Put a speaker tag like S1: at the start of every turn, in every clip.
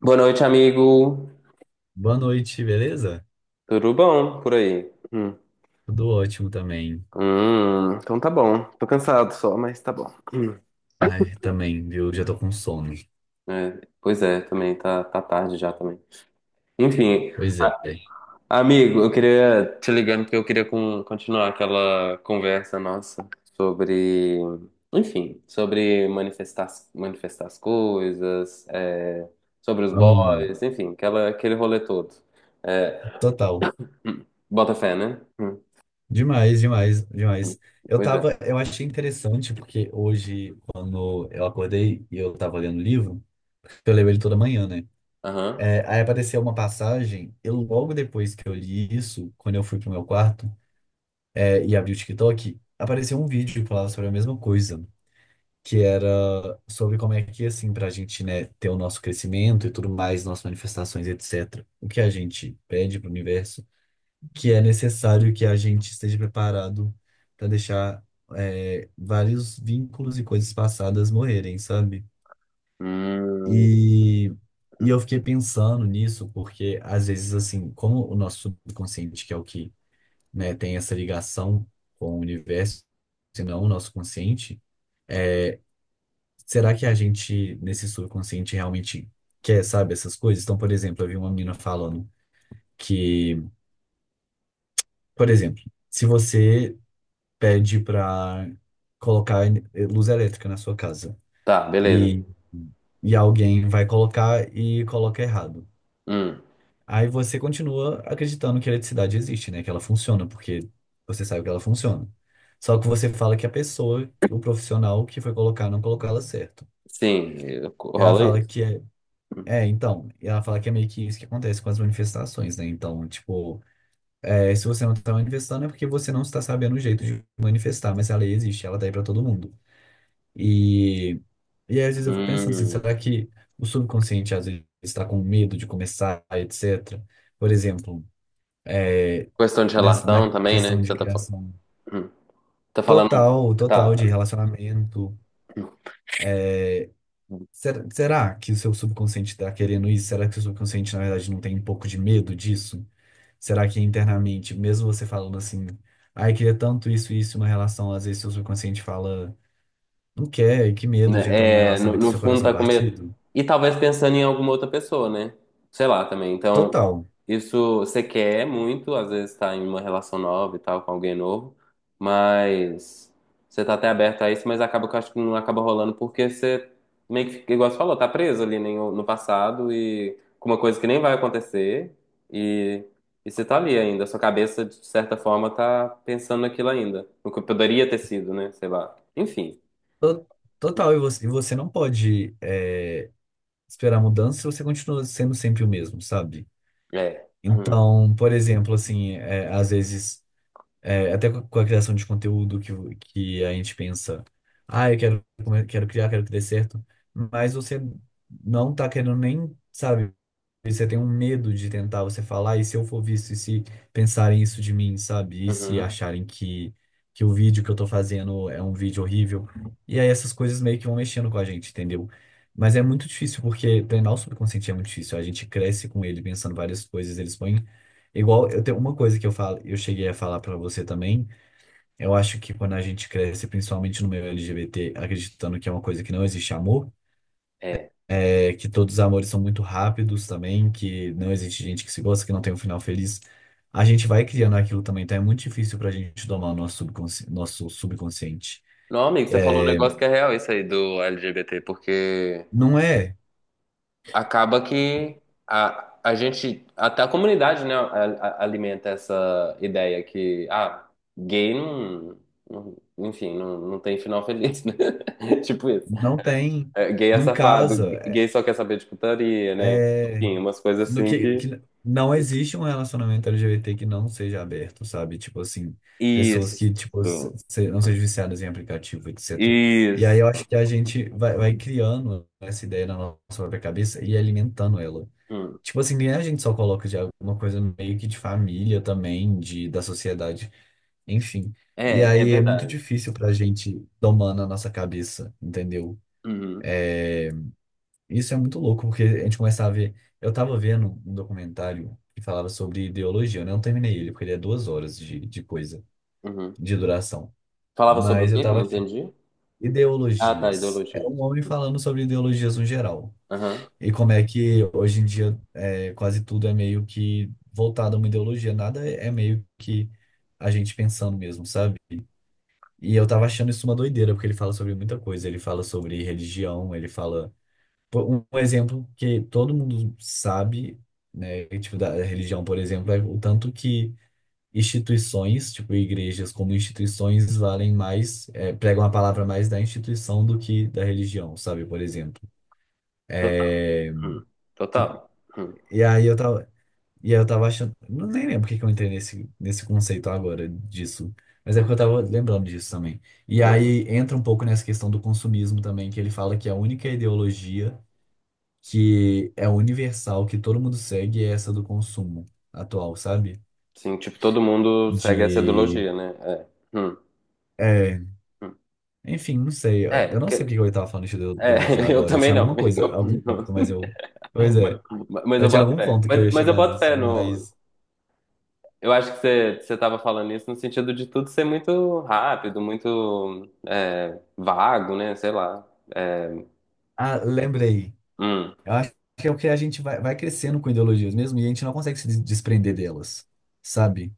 S1: Boa noite, amigo.
S2: Boa noite, beleza?
S1: Tudo bom por aí? Hum.
S2: Tudo ótimo também.
S1: Então tá bom. Tô cansado só, mas tá bom. Hum.
S2: Ai, também, viu? Já tô com sono.
S1: É, pois é, também tá, tá tarde já também. Enfim,
S2: Pois é.
S1: a- amigo, eu queria te ligando porque eu queria continuar aquela conversa nossa sobre, enfim, sobre manifestar, manifestar as coisas, é, sobre os
S2: Amo.
S1: boys, enfim, aquele rolê todo. É,
S2: Total.
S1: bota fé, né? Hum.
S2: Demais, demais,
S1: Hum,
S2: demais.
S1: pois é.
S2: Eu achei interessante porque hoje, quando eu acordei e eu tava lendo o livro, eu leio ele toda manhã, né?
S1: Aham.
S2: É, aí apareceu uma passagem, e logo depois que eu li isso, quando eu fui pro meu quarto, e abri o TikTok, apareceu um vídeo que falava sobre a mesma coisa, que era sobre como é que, assim, para a gente, né, ter o nosso crescimento e tudo mais, nossas manifestações, etc., o que a gente pede para o universo, que é necessário que a gente esteja preparado para deixar, vários vínculos e coisas passadas morrerem, sabe?
S1: Hum, hum.
S2: E, e eu
S1: Hum.
S2: fiquei pensando nisso, porque às vezes, assim, como o nosso subconsciente, que é o que, né, tem essa ligação com o universo, se não o nosso consciente, será que a gente, nesse subconsciente, realmente quer, sabe, essas coisas? Então, por exemplo, eu vi uma menina falando que, por exemplo, se você pede para colocar luz elétrica na sua casa
S1: Tá, beleza.
S2: e, e alguém vai colocar e coloca errado,
S1: Hum,
S2: aí você continua acreditando que a eletricidade existe, né? Que ela funciona, porque você sabe que ela funciona. Só que você fala que a pessoa, o profissional que foi colocar, não colocou ela certo.
S1: sim,
S2: E ela
S1: rola
S2: fala
S1: isso.
S2: que é É, então, e ela fala que é meio que isso que acontece com as manifestações, né? Então, tipo, se você não está manifestando é porque você não está sabendo o jeito de manifestar, mas a lei existe, ela tá aí pra todo mundo. E, e aí, às vezes eu fico pensando assim,
S1: Hum,
S2: será que o subconsciente às vezes está com medo de começar, etc. Por exemplo, é,
S1: questão de
S2: na
S1: relação também, né?
S2: questão
S1: Que
S2: de
S1: você tá falando.
S2: criação
S1: Hum, tá falando.
S2: total,
S1: Tá,
S2: total de
S1: tá.
S2: relacionamento. Será que o seu subconsciente está querendo isso? Será que o seu subconsciente, na verdade, não tem um pouco de medo disso? Será que internamente, mesmo você falando assim, ai, queria tanto isso e isso, uma relação, às vezes seu subconsciente fala, não quer, que medo de entrar numa
S1: Né, é,
S2: relação e ter
S1: no
S2: seu
S1: fundo
S2: coração
S1: tá com medo.
S2: partido?
S1: E talvez pensando em alguma outra pessoa, né? Sei lá também. Então,
S2: Total.
S1: isso você quer muito, às vezes tá em uma relação nova e tal, com alguém novo, mas você tá até aberto a isso, mas acaba que eu acho que não acaba rolando porque você meio que, fica, igual você falou, tá preso ali no passado e com uma coisa que nem vai acontecer e, e você tá ali ainda. Sua cabeça, de certa forma, tá pensando naquilo ainda, no que poderia ter sido, né? Sei lá. Enfim,
S2: To- Total, e você não pode esperar mudança se você continua sendo sempre o mesmo, sabe?
S1: é. Hum.
S2: Então, por exemplo, assim, às vezes, até com a criação de conteúdo que, que a gente pensa, ah, quero criar, quero que dê certo, mas você não tá querendo nem, sabe? E você tem um medo de tentar, você falar, e se eu for visto, e se pensarem isso de mim, sabe? E se
S1: Uhum.
S2: acharem que o vídeo que eu tô fazendo é um vídeo horrível. E aí essas coisas meio que vão mexendo com a gente, entendeu? Mas é muito difícil, porque treinar o subconsciente é muito difícil. A gente cresce com ele pensando várias coisas, eles põem. Igual, eu tenho uma coisa que eu falo, eu cheguei a falar pra você também. Eu acho que quando a gente cresce, principalmente no meio LGBT, acreditando que é uma coisa que não existe amor,
S1: É.
S2: é que todos os amores são muito rápidos também, que não existe gente que se gosta, que não tem um final feliz. A gente vai criando aquilo também, então é muito difícil pra gente domar o nosso subconsciente.
S1: Não, amigo, você falou um negócio que é real isso aí do LGBT, porque
S2: Não é,
S1: acaba que a gente, até a comunidade, né, alimenta essa ideia que, ah, gay não, enfim, não, não tem final feliz, né? Tipo isso.
S2: não tem,
S1: É, gay é
S2: não
S1: safado,
S2: casa. É,
S1: gay só quer saber de putaria, né?
S2: é-
S1: Enfim, umas coisas
S2: no
S1: assim
S2: que,
S1: que.
S2: que não existe um relacionamento LGBT que não seja aberto, sabe? Tipo assim, pessoas
S1: Isso.
S2: que tipo não sejam viciadas em aplicativo, etc. E aí eu
S1: Isso.
S2: acho que a gente vai criando essa ideia na nossa própria cabeça e alimentando ela.
S1: Hum.
S2: Tipo assim, nem a gente só coloca de alguma coisa meio que de família também, da sociedade, enfim. E
S1: É, é
S2: aí é muito
S1: verdade.
S2: difícil pra gente domar na nossa cabeça, entendeu?
S1: Uhum,
S2: Isso é muito louco, porque a gente começa a ver. Eu tava vendo um documentário que falava sobre ideologia, né? Eu não terminei ele, porque ele é duas horas de coisa,
S1: uhum.
S2: de duração.
S1: Falava sobre o
S2: Mas eu
S1: quê que eu
S2: tava
S1: não
S2: achando.
S1: entendi? Ah, tá,
S2: Ideologias. Era
S1: ideologia.
S2: um homem falando sobre ideologias no geral.
S1: Aham.
S2: E como é que hoje em dia quase tudo é meio que voltado a uma ideologia, nada é meio que a gente pensando mesmo, sabe? E eu tava achando isso uma doideira, porque ele fala sobre muita coisa. Ele fala sobre religião, ele fala. Pô, um exemplo que todo mundo sabe, né? Que, tipo, da religião, por exemplo, é o tanto que instituições, tipo, igrejas como instituições, valem mais, pregam a palavra mais da instituição do que da religião, sabe? Por exemplo.
S1: Total.
S2: É,
S1: Hum.
S2: tipo,
S1: Total. Hum.
S2: e aí eu tava. E aí eu tava achando. Não, nem lembro porque que eu entrei nesse conceito agora disso. Mas é porque eu
S1: Uhum.
S2: tava lembrando disso também. E
S1: Bota-
S2: aí entra um pouco nessa questão do consumismo também, que ele fala que a única ideologia que é universal, que todo mundo segue, é essa do consumo atual, sabe?
S1: Sim, tipo, todo mundo segue essa
S2: De.
S1: ideologia, né? É.
S2: É,
S1: Hum.
S2: enfim, não sei. Eu
S1: É,
S2: eu não sei porque eu tava falando de ideo-
S1: é,
S2: ideologia
S1: eu
S2: agora. Eu
S1: também
S2: tinha
S1: não.
S2: alguma coisa, algum ponto, mas eu. Pois é,
S1: Mas, mas
S2: eu
S1: eu
S2: tinha
S1: boto
S2: algum
S1: fé.
S2: ponto que eu ia
S1: Mas eu
S2: chegar
S1: boto
S2: nisso,
S1: fé no.
S2: mas.
S1: Eu acho que você, você tava falando isso no sentido de tudo ser muito rápido, muito é, vago, né? Sei lá. É,
S2: Ah, lembrei.
S1: hum,
S2: Eu acho que é o que a gente vai crescendo com ideologias mesmo e a gente não consegue se desprender delas, sabe?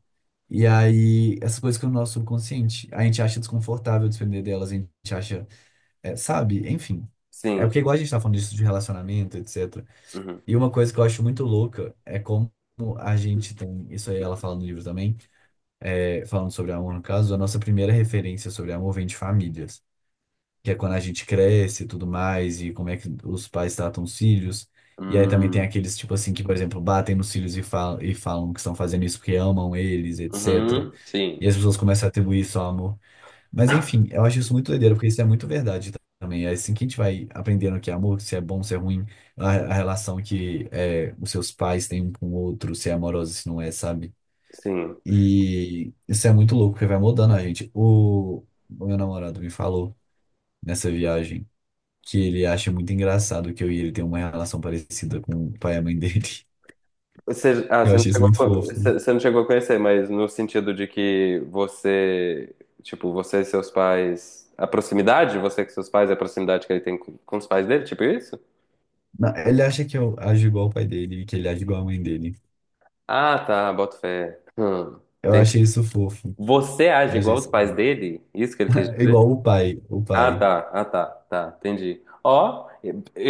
S2: E aí, essas coisas que no nosso subconsciente, a gente acha desconfortável desprender delas, a gente acha, sabe? Enfim. É
S1: sim.
S2: porque igual a gente tá falando disso de relacionamento, etc.
S1: Uhum.
S2: E uma coisa que eu acho muito louca é como a gente tem, isso aí ela fala no livro também, falando sobre amor, no caso, a nossa primeira referência sobre amor vem de famílias que é quando a gente cresce e tudo mais, e como é que os pais tratam os filhos. E aí também tem
S1: Hum,
S2: aqueles, tipo assim, que, por exemplo, batem nos filhos e falam que estão fazendo isso porque amam eles, etc.
S1: uhum, sim.
S2: E as pessoas começam a atribuir isso ao amor. Mas enfim, eu acho isso muito doideiro, porque isso é muito verdade também. É assim que a gente vai aprendendo que é amor, se é bom, se é ruim, a relação que é, os seus pais têm um com o outro, se é amorosa, se não é, sabe?
S1: Sim.
S2: E isso é muito louco, porque vai mudando a gente. O meu namorado me falou nessa viagem que ele acha muito engraçado que eu e ele tem uma relação parecida com o pai e a mãe dele.
S1: Você, ah,
S2: Eu
S1: você não
S2: achei isso
S1: chegou a,
S2: muito fofo.
S1: você não chegou a conhecer, mas no sentido de que você, tipo, você e seus pais, a proximidade, você com seus pais, a proximidade que ele tem com os pais dele, tipo isso?
S2: Ele acha que eu ajo igual o pai dele e que ele age igual a mãe dele.
S1: Ah, tá, boto fé.
S2: Eu
S1: Entendi.
S2: achei isso fofo.
S1: Você
S2: Eu
S1: age
S2: achei
S1: igual os
S2: isso.
S1: pais dele? Isso que ele quis dizer?
S2: Igual o pai, o
S1: Ah,
S2: pai.
S1: tá, ah, tá, tá, entendi. Ó,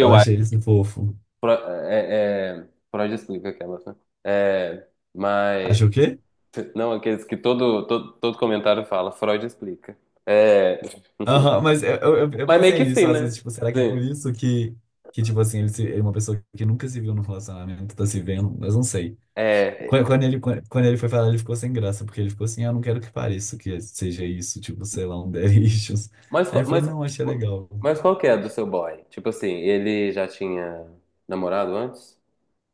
S2: Eu
S1: acho,
S2: achei isso fofo.
S1: é, é, Freud explica aquelas, né? É, mas,
S2: Achou o quê?
S1: não, aqueles que todo, todo, todo comentário fala, Freud explica. É...
S2: Aham, mas eu
S1: Mas meio
S2: pensei
S1: que
S2: nisso
S1: sim,
S2: às vezes,
S1: né?
S2: tipo, será que é por
S1: Sim.
S2: isso que, tipo assim, ele, se- ele é uma pessoa que nunca se viu no relacionamento, tá se vendo, mas não sei.
S1: É,
S2: Quando ele foi falar, ele ficou sem graça, porque ele ficou assim, ah, eu não quero que pareça que seja isso, tipo, sei lá, um Daddy Issues.
S1: mas,
S2: Aí eu falei, não, achei legal.
S1: mas qual que é do seu boy? Tipo assim, ele já tinha namorado antes?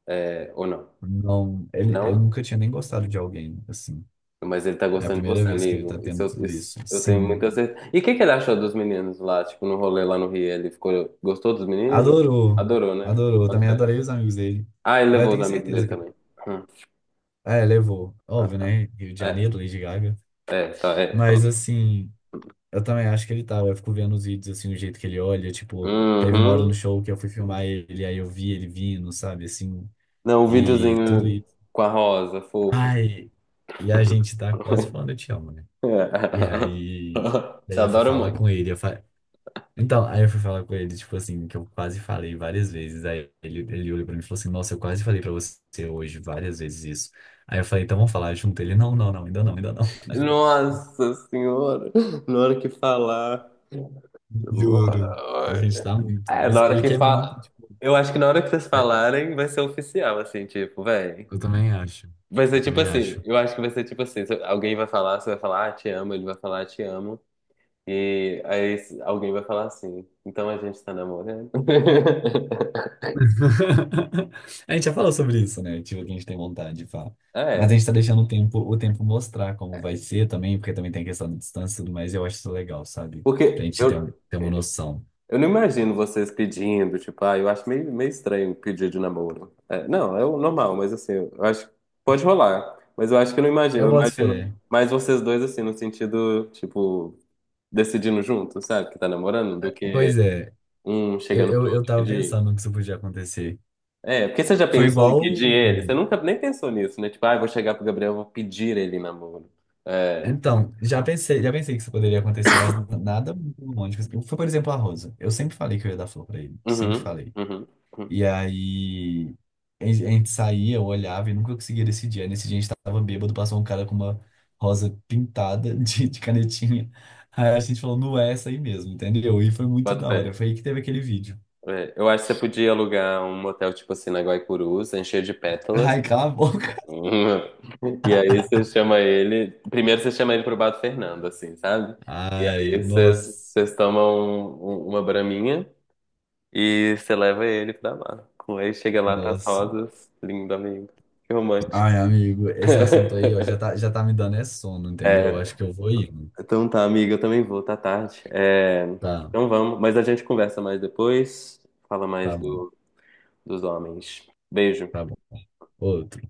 S1: É, ou não?
S2: Não, ele
S1: Não?
S2: nunca tinha nem gostado de alguém, assim.
S1: Mas ele tá
S2: É a
S1: gostando de
S2: primeira
S1: você,
S2: vez que ele tá
S1: amigo. Isso,
S2: tendo tudo
S1: isso
S2: isso.
S1: eu tenho
S2: Sim.
S1: muita certeza. E o que que ele achou dos meninos lá, tipo, no rolê lá no Rio? Ele ficou, gostou dos meninos?
S2: Adorou.
S1: Adorou, né?
S2: Adorou.
S1: Quanto
S2: Também
S1: é?
S2: adorei os amigos dele.
S1: Ah, ele
S2: Mas eu
S1: levou os
S2: tenho
S1: amigos
S2: certeza
S1: dele
S2: que...
S1: também. Hum.
S2: É, levou.
S1: Ah,
S2: Óbvio,
S1: tá.
S2: né? Rio de
S1: É,
S2: Janeiro, Lady Gaga.
S1: é, tá, é. Tá.
S2: Mas, assim... Eu também acho que ele tava. Eu fico vendo os vídeos, assim, o jeito que ele olha. Tipo, teve uma hora no
S1: Uhum.
S2: show que eu fui filmar ele, aí eu vi ele vindo, sabe, assim,
S1: Não, o
S2: e tudo
S1: videozinho
S2: isso.
S1: com a rosa, fofo.
S2: Ai, e a gente tá quase falando eu te amo, né? E aí,
S1: Te
S2: daí eu fui
S1: adoro
S2: falar com
S1: muito.
S2: ele. Então, aí eu fui falar com ele, tipo assim, que eu quase falei várias vezes. Aí ele olhou pra mim e falou assim: Nossa, eu quase falei pra você hoje várias vezes isso. Aí eu falei: Então vamos falar junto. Ele: Não, não, não, ainda não, ainda não.
S1: Nossa Senhora, na hora que falar.
S2: Juro. A gente tá muito.
S1: É, na
S2: Mas
S1: hora
S2: ele
S1: que
S2: quer
S1: fala.
S2: muito, tipo.
S1: Eu acho que na hora que vocês falarem, vai ser oficial, assim, tipo, véi.
S2: Eu também acho.
S1: Vai
S2: Eu
S1: ser tipo
S2: também
S1: assim,
S2: acho.
S1: eu acho que vai ser tipo assim, se alguém vai falar, você vai falar, ah, te amo, ele vai falar, "Ah, te amo, e aí alguém vai falar assim, então a gente tá namorando.
S2: A gente já falou sobre isso, né? Tipo, que a gente tem vontade de falar. Mas a
S1: É,
S2: gente tá deixando o tempo mostrar como vai ser também, porque também tem a questão da distância e tudo mais, e eu acho isso legal, sabe? Pra
S1: porque
S2: gente ter, um, ter uma noção.
S1: eu não imagino vocês pedindo, tipo, ah, eu acho meio, meio estranho pedir de namoro. É, não, é o normal, mas assim, eu acho que pode rolar. Mas eu acho que eu não imagino.
S2: Eu
S1: Eu
S2: boto
S1: imagino
S2: fé.
S1: mais vocês dois, assim, no sentido, tipo, decidindo junto, sabe? Que tá namorando, do
S2: É,
S1: que
S2: pois é,
S1: um
S2: eu,
S1: chegando pro
S2: eu, eu
S1: outro
S2: tava
S1: pedir.
S2: pensando que isso podia acontecer.
S1: É, porque você já
S2: Foi
S1: pensou em
S2: igual.
S1: pedir ele? Você nunca nem pensou nisso, né? Tipo, ah, eu vou chegar pro Gabriel, eu vou pedir ele em namoro. É.
S2: Então, já pensei que isso poderia acontecer, mas nada muito romântico, assim. Foi, por exemplo, a Rosa. Eu sempre falei que eu ia dar flor pra ele. Sempre
S1: Uhum,
S2: falei.
S1: uhum, uhum.
S2: E aí a gente saía, eu olhava e nunca conseguia decidir. Aí nesse dia a gente tava bêbado, passou um cara com uma rosa pintada de canetinha. Aí a gente falou, não é essa aí mesmo, entendeu? E foi muito
S1: Bota
S2: da
S1: fé.
S2: hora. Foi aí que teve aquele vídeo.
S1: É, eu acho que você podia alugar um motel, tipo assim, na Guaicurus, encher de pétalas.
S2: Ai, cala a boca.
S1: E aí você chama ele. Primeiro você chama ele pro Bato Fernando, assim, sabe? E
S2: Ai,
S1: aí vocês
S2: nossa,
S1: vocês tomam uma braminha e você leva ele pra lá. Aí chega lá, tá as
S2: nossa.
S1: rosas. Lindo, amigo. Que romântico.
S2: Ai, amigo, esse assunto aí, ó, já tá me dando é sono, entendeu?
S1: É,
S2: Acho que eu vou ir.
S1: então tá, amiga, eu também vou, tá tarde. É,
S2: Tá,
S1: então vamos, mas a gente conversa mais depois. Fala
S2: tá
S1: mais
S2: bom,
S1: do, dos homens. Beijo.
S2: tá bom. Outro.